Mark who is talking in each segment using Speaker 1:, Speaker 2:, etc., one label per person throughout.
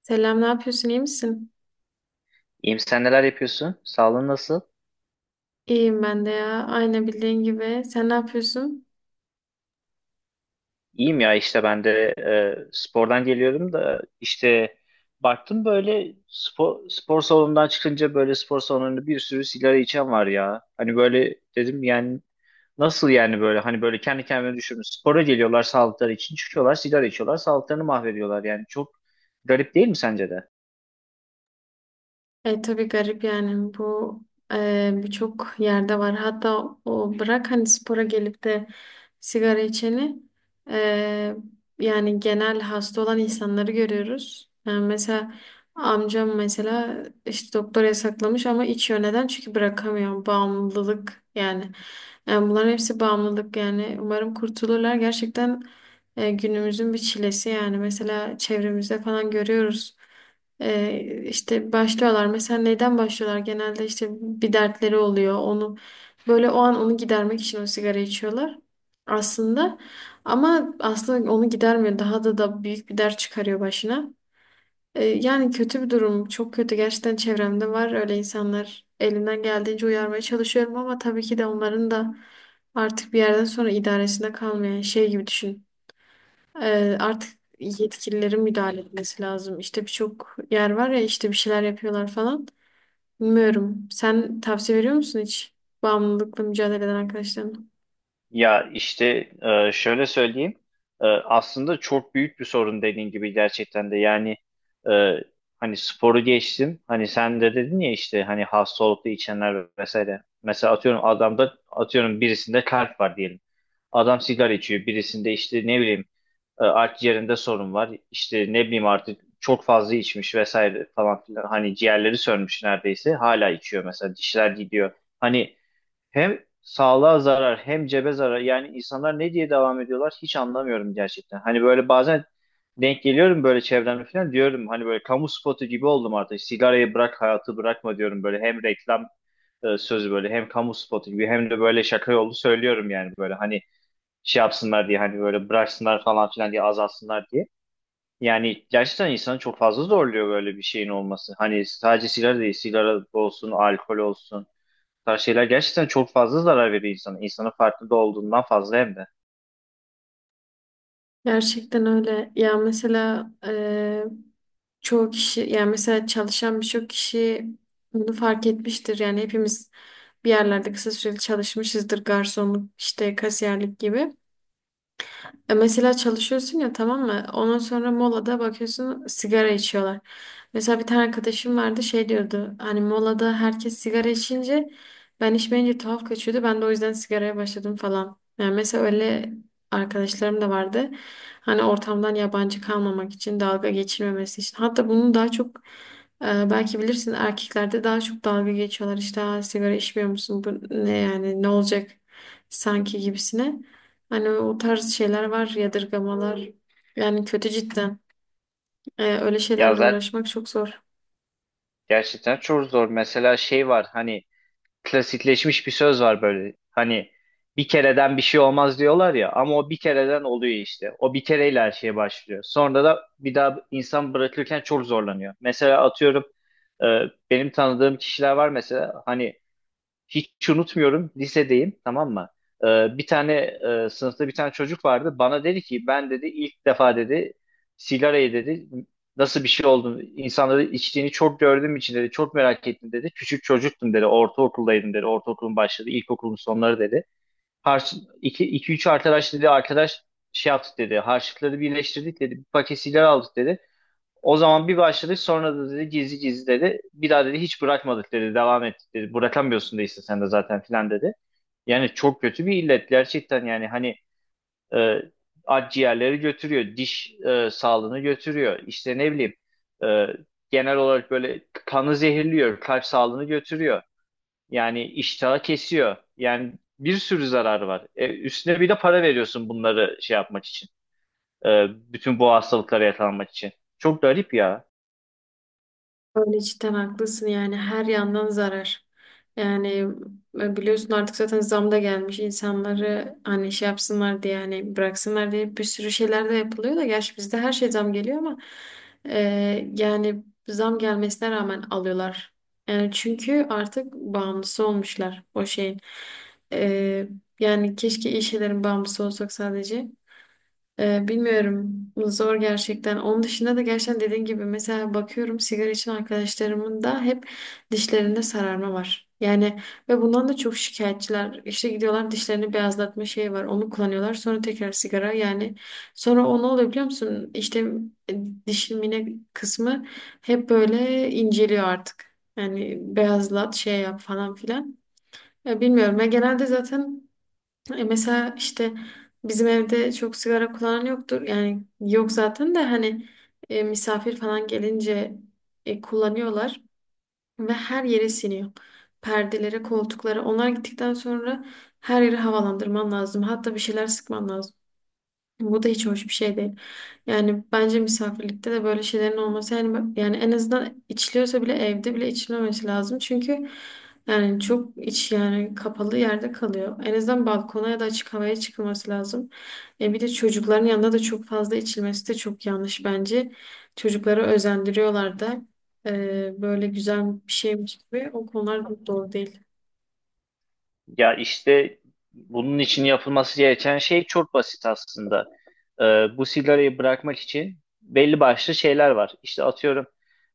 Speaker 1: Selam, ne yapıyorsun? İyi misin?
Speaker 2: İyiyim, sen neler yapıyorsun? Sağlığın nasıl?
Speaker 1: İyiyim ben de ya. Aynı bildiğin gibi. Sen ne yapıyorsun?
Speaker 2: İyiyim ya, işte ben de spordan geliyorum da işte baktım, böyle spor salonundan çıkınca böyle spor salonunda bir sürü sigara içen var ya. Hani böyle dedim, yani nasıl yani, böyle hani böyle kendi kendime düşündüm. Spora geliyorlar sağlıkları için, çıkıyorlar sigara içiyorlar, sağlıklarını mahvediyorlar. Yani çok garip değil mi sence de?
Speaker 1: Tabii garip, yani bu birçok yerde var. Hatta o bırak, hani spora gelip de sigara içeni, e, yani genel hasta olan insanları görüyoruz. Yani mesela amcam mesela işte doktor yasaklamış ama içiyor. Neden? Çünkü bırakamıyor. Bağımlılık yani. Yani bunların hepsi bağımlılık yani. Umarım kurtulurlar. Gerçekten günümüzün bir çilesi yani. Mesela çevremizde falan görüyoruz. İşte başlıyorlar. Mesela neyden başlıyorlar? Genelde işte bir dertleri oluyor. Onu böyle o an onu gidermek için o sigara içiyorlar aslında. Ama aslında onu gidermiyor. Daha da büyük bir dert çıkarıyor başına. Yani kötü bir durum. Çok kötü. Gerçekten çevremde var öyle insanlar. Elimden geldiğince uyarmaya çalışıyorum ama tabii ki de onların da artık bir yerden sonra idaresinde kalmayan şey gibi düşün. Artık yetkililerin müdahale etmesi lazım. İşte birçok yer var ya, işte bir şeyler yapıyorlar falan. Bilmiyorum. Sen tavsiye veriyor musun hiç bağımlılıkla mücadele eden arkadaşlarına?
Speaker 2: Ya işte, şöyle söyleyeyim. Aslında çok büyük bir sorun, dediğin gibi, gerçekten de yani. e, Hani sporu geçtim. Hani sen de dedin ya, işte hani hastalıklı içenler vesaire. Mesela atıyorum adamda, atıyorum birisinde kalp var diyelim. Adam sigara içiyor. Birisinde işte ne bileyim, akciğerinde sorun var. İşte ne bileyim, artık çok fazla içmiş vesaire falan filan. Hani ciğerleri sönmüş neredeyse. Hala içiyor mesela. Dişler gidiyor. Hani hem sağlığa zarar, hem cebe zarar. Yani insanlar ne diye devam ediyorlar hiç anlamıyorum gerçekten. Hani böyle bazen denk geliyorum böyle çevremde falan, diyorum hani böyle kamu spotu gibi oldum artık. Sigarayı bırak, hayatı bırakma diyorum böyle. Hem reklam sözü böyle, hem kamu spotu gibi, hem de böyle şaka yolu söylüyorum, yani böyle hani şey yapsınlar diye, hani böyle bıraksınlar falan filan diye, azalsınlar diye. Yani gerçekten insanı çok fazla zorluyor böyle bir şeyin olması. Hani sadece sigara değil, sigara olsun, alkol olsun, tarz şeyler gerçekten çok fazla zarar veriyor insana. İnsanın farkında olduğundan fazla hem de.
Speaker 1: Gerçekten öyle. Ya mesela çoğu kişi, yani mesela çalışan birçok kişi bunu fark etmiştir. Yani hepimiz bir yerlerde kısa süreli çalışmışızdır. Garsonluk, işte kasiyerlik gibi. Mesela çalışıyorsun ya, tamam mı? Ondan sonra molada bakıyorsun sigara içiyorlar. Mesela bir tane arkadaşım vardı, şey diyordu. Hani molada herkes sigara içince ben içmeyince tuhaf kaçıyordu. Ben de o yüzden sigaraya başladım falan. Yani mesela öyle arkadaşlarım da vardı. Hani ortamdan yabancı kalmamak için, dalga geçirmemesi için. Hatta bunu daha çok, belki bilirsin, erkeklerde daha çok dalga geçiyorlar. İşte "Aa, sigara içmiyor musun? Bu ne yani, ne olacak sanki" gibisine. Hani o tarz şeyler var, yadırgamalar. Yani kötü cidden. Öyle
Speaker 2: Ya
Speaker 1: şeylerle
Speaker 2: zaten
Speaker 1: uğraşmak çok zor.
Speaker 2: gerçekten çok zor. Mesela şey var, hani klasikleşmiş bir söz var böyle. Hani bir kereden bir şey olmaz diyorlar ya, ama o bir kereden oluyor işte. O bir kereyle her şeye başlıyor. Sonra da bir daha insan bırakırken çok zorlanıyor. Mesela atıyorum, e, benim tanıdığım kişiler var mesela, hani hiç unutmuyorum lisedeyim, tamam mı? Bir tane sınıfta bir tane çocuk vardı. Bana dedi ki, ben dedi ilk defa dedi sigarayı dedi nasıl bir şey olduğunu, insanları içtiğini çok gördüğüm için dedi çok merak ettim dedi. Küçük çocuktum dedi, ortaokuldaydım dedi, ortaokulun başladı ilkokulun sonları dedi. Harç, iki, iki üç arkadaş dedi, arkadaş şey yaptık dedi, harçlıkları birleştirdik dedi, bir paket sigara aldık dedi. O zaman bir başladık sonra da dedi gizli gizli dedi. Bir daha dedi hiç bırakmadık dedi. Devam ettik dedi. Bırakamıyorsun da işte sen de zaten filan dedi. Yani çok kötü bir illet gerçekten, yani hani e, akciğerleri götürüyor, diş sağlığını götürüyor. İşte ne bileyim, e, genel olarak böyle kanı zehirliyor, kalp sağlığını götürüyor. Yani iştahı kesiyor. Yani bir sürü zararı var. E, üstüne bir de para veriyorsun bunları şey yapmak için. E, Bütün bu hastalıklara yakalanmak için. Çok garip ya.
Speaker 1: Öyle cidden haklısın, yani her yandan zarar. Yani biliyorsun, artık zaten zam da gelmiş, insanları hani şey yapsınlar diye, yani bıraksınlar diye bir sürü şeyler de yapılıyor da, gerçi bizde her şey zam geliyor ama yani zam gelmesine rağmen alıyorlar. Yani çünkü artık bağımlısı olmuşlar o şeyin. E, Yani keşke iyi şeylerin bağımlısı olsak sadece. Bilmiyorum. Zor gerçekten. Onun dışında da gerçekten dediğin gibi mesela bakıyorum sigara içen arkadaşlarımın da hep dişlerinde sararma var. Yani ve bundan da çok şikayetçiler. İşte gidiyorlar, dişlerini beyazlatma şeyi var. Onu kullanıyorlar. Sonra tekrar sigara. Yani sonra o ne oluyor biliyor musun? İşte e, dişin mine kısmı hep böyle inceliyor artık. Yani beyazlat, şey yap falan filan. Ya bilmiyorum. Ya genelde zaten mesela işte bizim evde çok sigara kullanan yoktur. Yani yok zaten de, hani misafir falan gelince kullanıyorlar ve her yere siniyor. Perdelere, koltuklara. Onlar gittikten sonra her yeri havalandırman lazım. Hatta bir şeyler sıkman lazım. Bu da hiç hoş bir şey değil. Yani bence misafirlikte de böyle şeylerin olması, yani yani en azından içiliyorsa bile evde bile içilmemesi lazım. Çünkü yani çok iç, yani kapalı yerde kalıyor. En azından balkona ya da açık havaya çıkılması lazım. E bir de çocukların yanında da çok fazla içilmesi de çok yanlış bence. Çocukları özendiriyorlar da. Böyle güzel bir şeymiş gibi, o konular da doğru değil.
Speaker 2: Ya işte bunun için yapılması gereken şey çok basit aslında. Ee, Bu sigarayı bırakmak için belli başlı şeyler var. İşte atıyorum,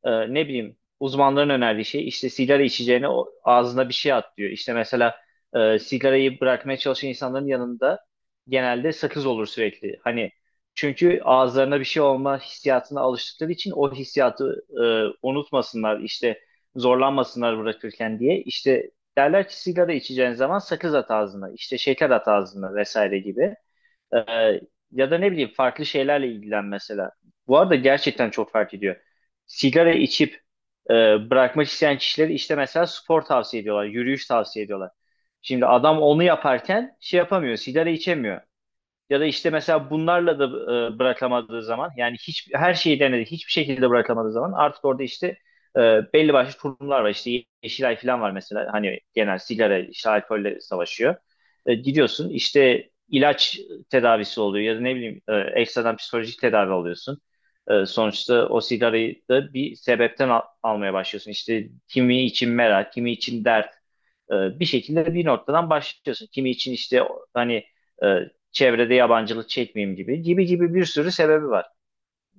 Speaker 2: ne bileyim, uzmanların önerdiği şey, işte sigara içeceğine ağzına bir şey at diyor. İşte mesela sigarayı bırakmaya çalışan insanların yanında genelde sakız olur sürekli. Hani çünkü ağızlarına bir şey olma hissiyatına alıştıkları için o hissiyatı unutmasınlar işte, zorlanmasınlar bırakırken diye. İşte derler ki sigara içeceğin zaman sakız at ağzına, işte şeker at ağzına vesaire gibi. Ee, Ya da ne bileyim, farklı şeylerle ilgilen mesela. Bu arada gerçekten çok fark ediyor. Sigara içip e, bırakmak isteyen kişileri, işte mesela spor tavsiye ediyorlar, yürüyüş tavsiye ediyorlar. Şimdi adam onu yaparken şey yapamıyor, sigara içemiyor. Ya da işte mesela bunlarla da bırakamadığı zaman, yani hiç her şeyi denedi hiçbir şekilde bırakamadığı zaman, artık orada işte e, belli başlı kurumlar var, işte Yeşilay falan var mesela, hani genel sigara işte alkolle savaşıyor. E, gidiyorsun işte ilaç tedavisi oluyor, ya da ne bileyim, ekstradan psikolojik tedavi alıyorsun. E, sonuçta o sigarayı da bir sebepten almaya başlıyorsun. İşte kimi için merak, kimi için dert. E, bir şekilde bir noktadan başlıyorsun. Kimi için işte hani e, çevrede yabancılık çekmeyeyim gibi gibi gibi, bir sürü sebebi var.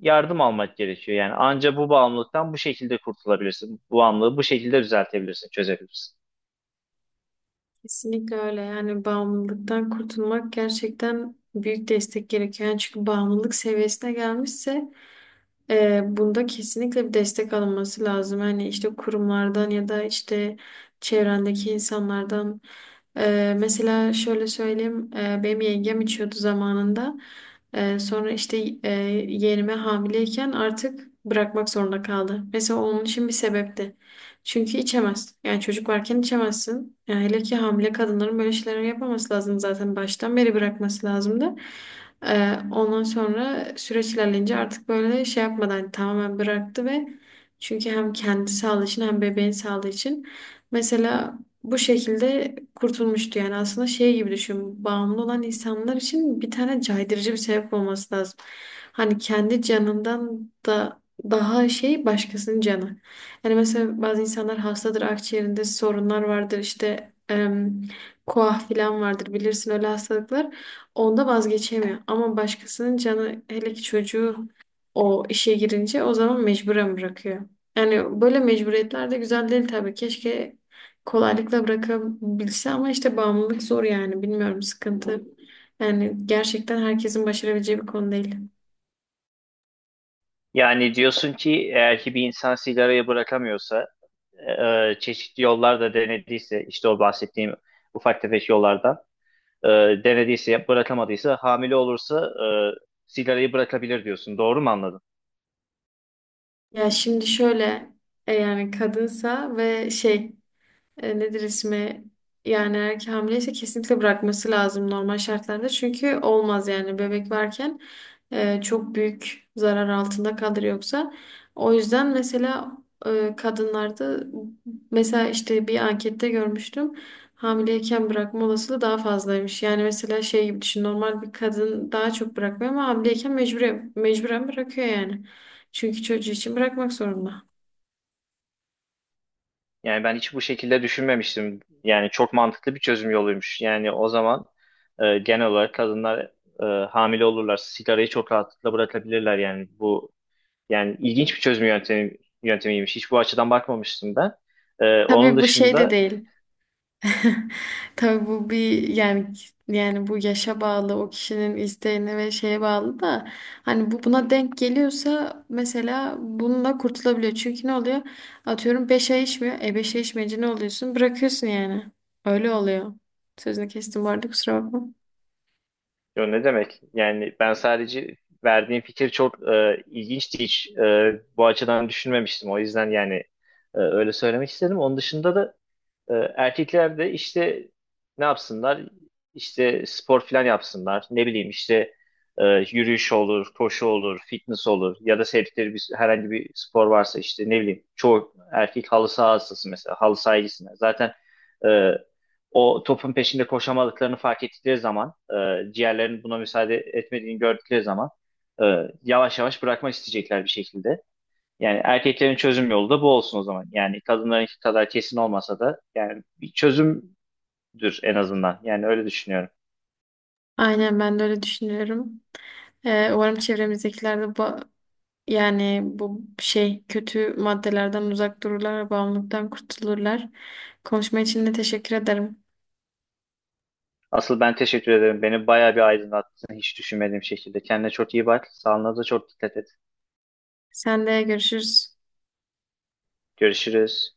Speaker 2: Yardım almak gerekiyor yani, anca bu bağımlılıktan bu şekilde kurtulabilirsin. Bu bağımlılığı bu şekilde düzeltebilirsin, çözebilirsin.
Speaker 1: Kesinlikle öyle. Yani bağımlılıktan kurtulmak gerçekten büyük destek gerekiyor. Yani çünkü bağımlılık seviyesine gelmişse bunda kesinlikle bir destek alınması lazım. Hani işte kurumlardan ya da işte çevrendeki insanlardan. Mesela şöyle söyleyeyim, benim yengem içiyordu zamanında. Sonra işte e, yeğenime hamileyken artık bırakmak zorunda kaldı. Mesela onun için bir sebepti. Çünkü içemez. Yani çocuk varken içemezsin. Yani hele ki hamile kadınların böyle şeyler yapmaması lazım, zaten baştan beri bırakması lazımdı. Ondan sonra süreç ilerleyince artık böyle şey yapmadan hani tamamen bıraktı ve çünkü hem kendi sağlığı için hem bebeğin sağlığı için mesela bu şekilde kurtulmuştu. Yani aslında şey gibi düşün, bağımlı olan insanlar için bir tane caydırıcı bir sebep olması lazım. Hani kendi canından da daha şey, başkasının canı. Yani mesela bazı insanlar hastadır, akciğerinde sorunlar vardır, işte koah falan vardır, bilirsin öyle hastalıklar. Onda vazgeçemiyor. Ama başkasının canı, hele ki çocuğu o işe girince, o zaman mecburen bırakıyor. Yani böyle mecburiyetler de güzel değil tabii. Keşke kolaylıkla bırakabilse ama işte bağımlılık zor yani. Bilmiyorum, sıkıntı. Yani gerçekten herkesin başarabileceği bir konu değil.
Speaker 2: Yani diyorsun ki eğer ki bir insan sigarayı bırakamıyorsa, e, çeşitli yollar da denediyse, işte o bahsettiğim ufak tefek yollardan e, denediyse, bırakamadıysa, hamile olursa e, sigarayı bırakabilir diyorsun. Doğru mu anladım?
Speaker 1: Ya şimdi şöyle yani kadınsa ve şey, nedir ismi, yani erkek hamileyse kesinlikle bırakması lazım normal şartlarda. Çünkü olmaz, yani bebek varken çok büyük zarar altında kalır yoksa. O yüzden mesela kadınlarda mesela işte bir ankette görmüştüm. Hamileyken bırakma olasılığı daha fazlaymış. Yani mesela şey gibi düşün, normal bir kadın daha çok bırakmıyor ama hamileyken mecburen bırakıyor yani. Çünkü çocuğu için bırakmak zorunda.
Speaker 2: Yani ben hiç bu şekilde düşünmemiştim. Yani çok mantıklı bir çözüm yoluymuş. Yani o zaman genel olarak kadınlar e, hamile olurlar. Sigarayı çok rahatlıkla bırakabilirler. Yani bu, yani ilginç bir çözüm yöntemiymiş. Hiç bu açıdan bakmamıştım ben. E, onun
Speaker 1: Tabii bu şey de
Speaker 2: dışında,
Speaker 1: değil. Tabii bu bir yani, bu yaşa bağlı, o kişinin isteğine ve şeye bağlı da hani bu buna denk geliyorsa mesela bununla kurtulabiliyor. Çünkü ne oluyor? Atıyorum 5 ay içmiyor. E 5 ay içmeyince ne oluyorsun? Bırakıyorsun yani. Öyle oluyor. Sözünü kestim bu arada, kusura bakma.
Speaker 2: ya ne demek? Yani ben sadece verdiğim fikir çok ilginçti. Hiç, bu açıdan düşünmemiştim. O yüzden yani öyle söylemek istedim. Onun dışında da erkekler de işte ne yapsınlar? İşte spor falan yapsınlar. Ne bileyim işte, yürüyüş olur, koşu olur, fitness olur, ya da sevdikleri bir, herhangi bir spor varsa, işte ne bileyim çoğu erkek halı saha hastası mesela, halı sahaya. Zaten e, o topun peşinde koşamadıklarını fark ettikleri zaman, ciğerlerinin buna müsaade etmediğini gördükleri zaman, e, yavaş yavaş bırakmak isteyecekler bir şekilde. Yani erkeklerin çözüm yolu da bu olsun o zaman. Yani kadınlarınki kadar kesin olmasa da, yani bir çözümdür en azından. Yani öyle düşünüyorum.
Speaker 1: Aynen ben de öyle düşünüyorum. Umarım çevremizdekiler de yani bu şey, kötü maddelerden uzak dururlar ve bağımlılıktan kurtulurlar. Konuşma için de teşekkür ederim.
Speaker 2: Asıl ben teşekkür ederim. Beni bayağı bir aydınlattın hiç düşünmediğim şekilde. Kendine çok iyi bak. Sağlığına da çok dikkat et.
Speaker 1: Sen de görüşürüz.
Speaker 2: Görüşürüz.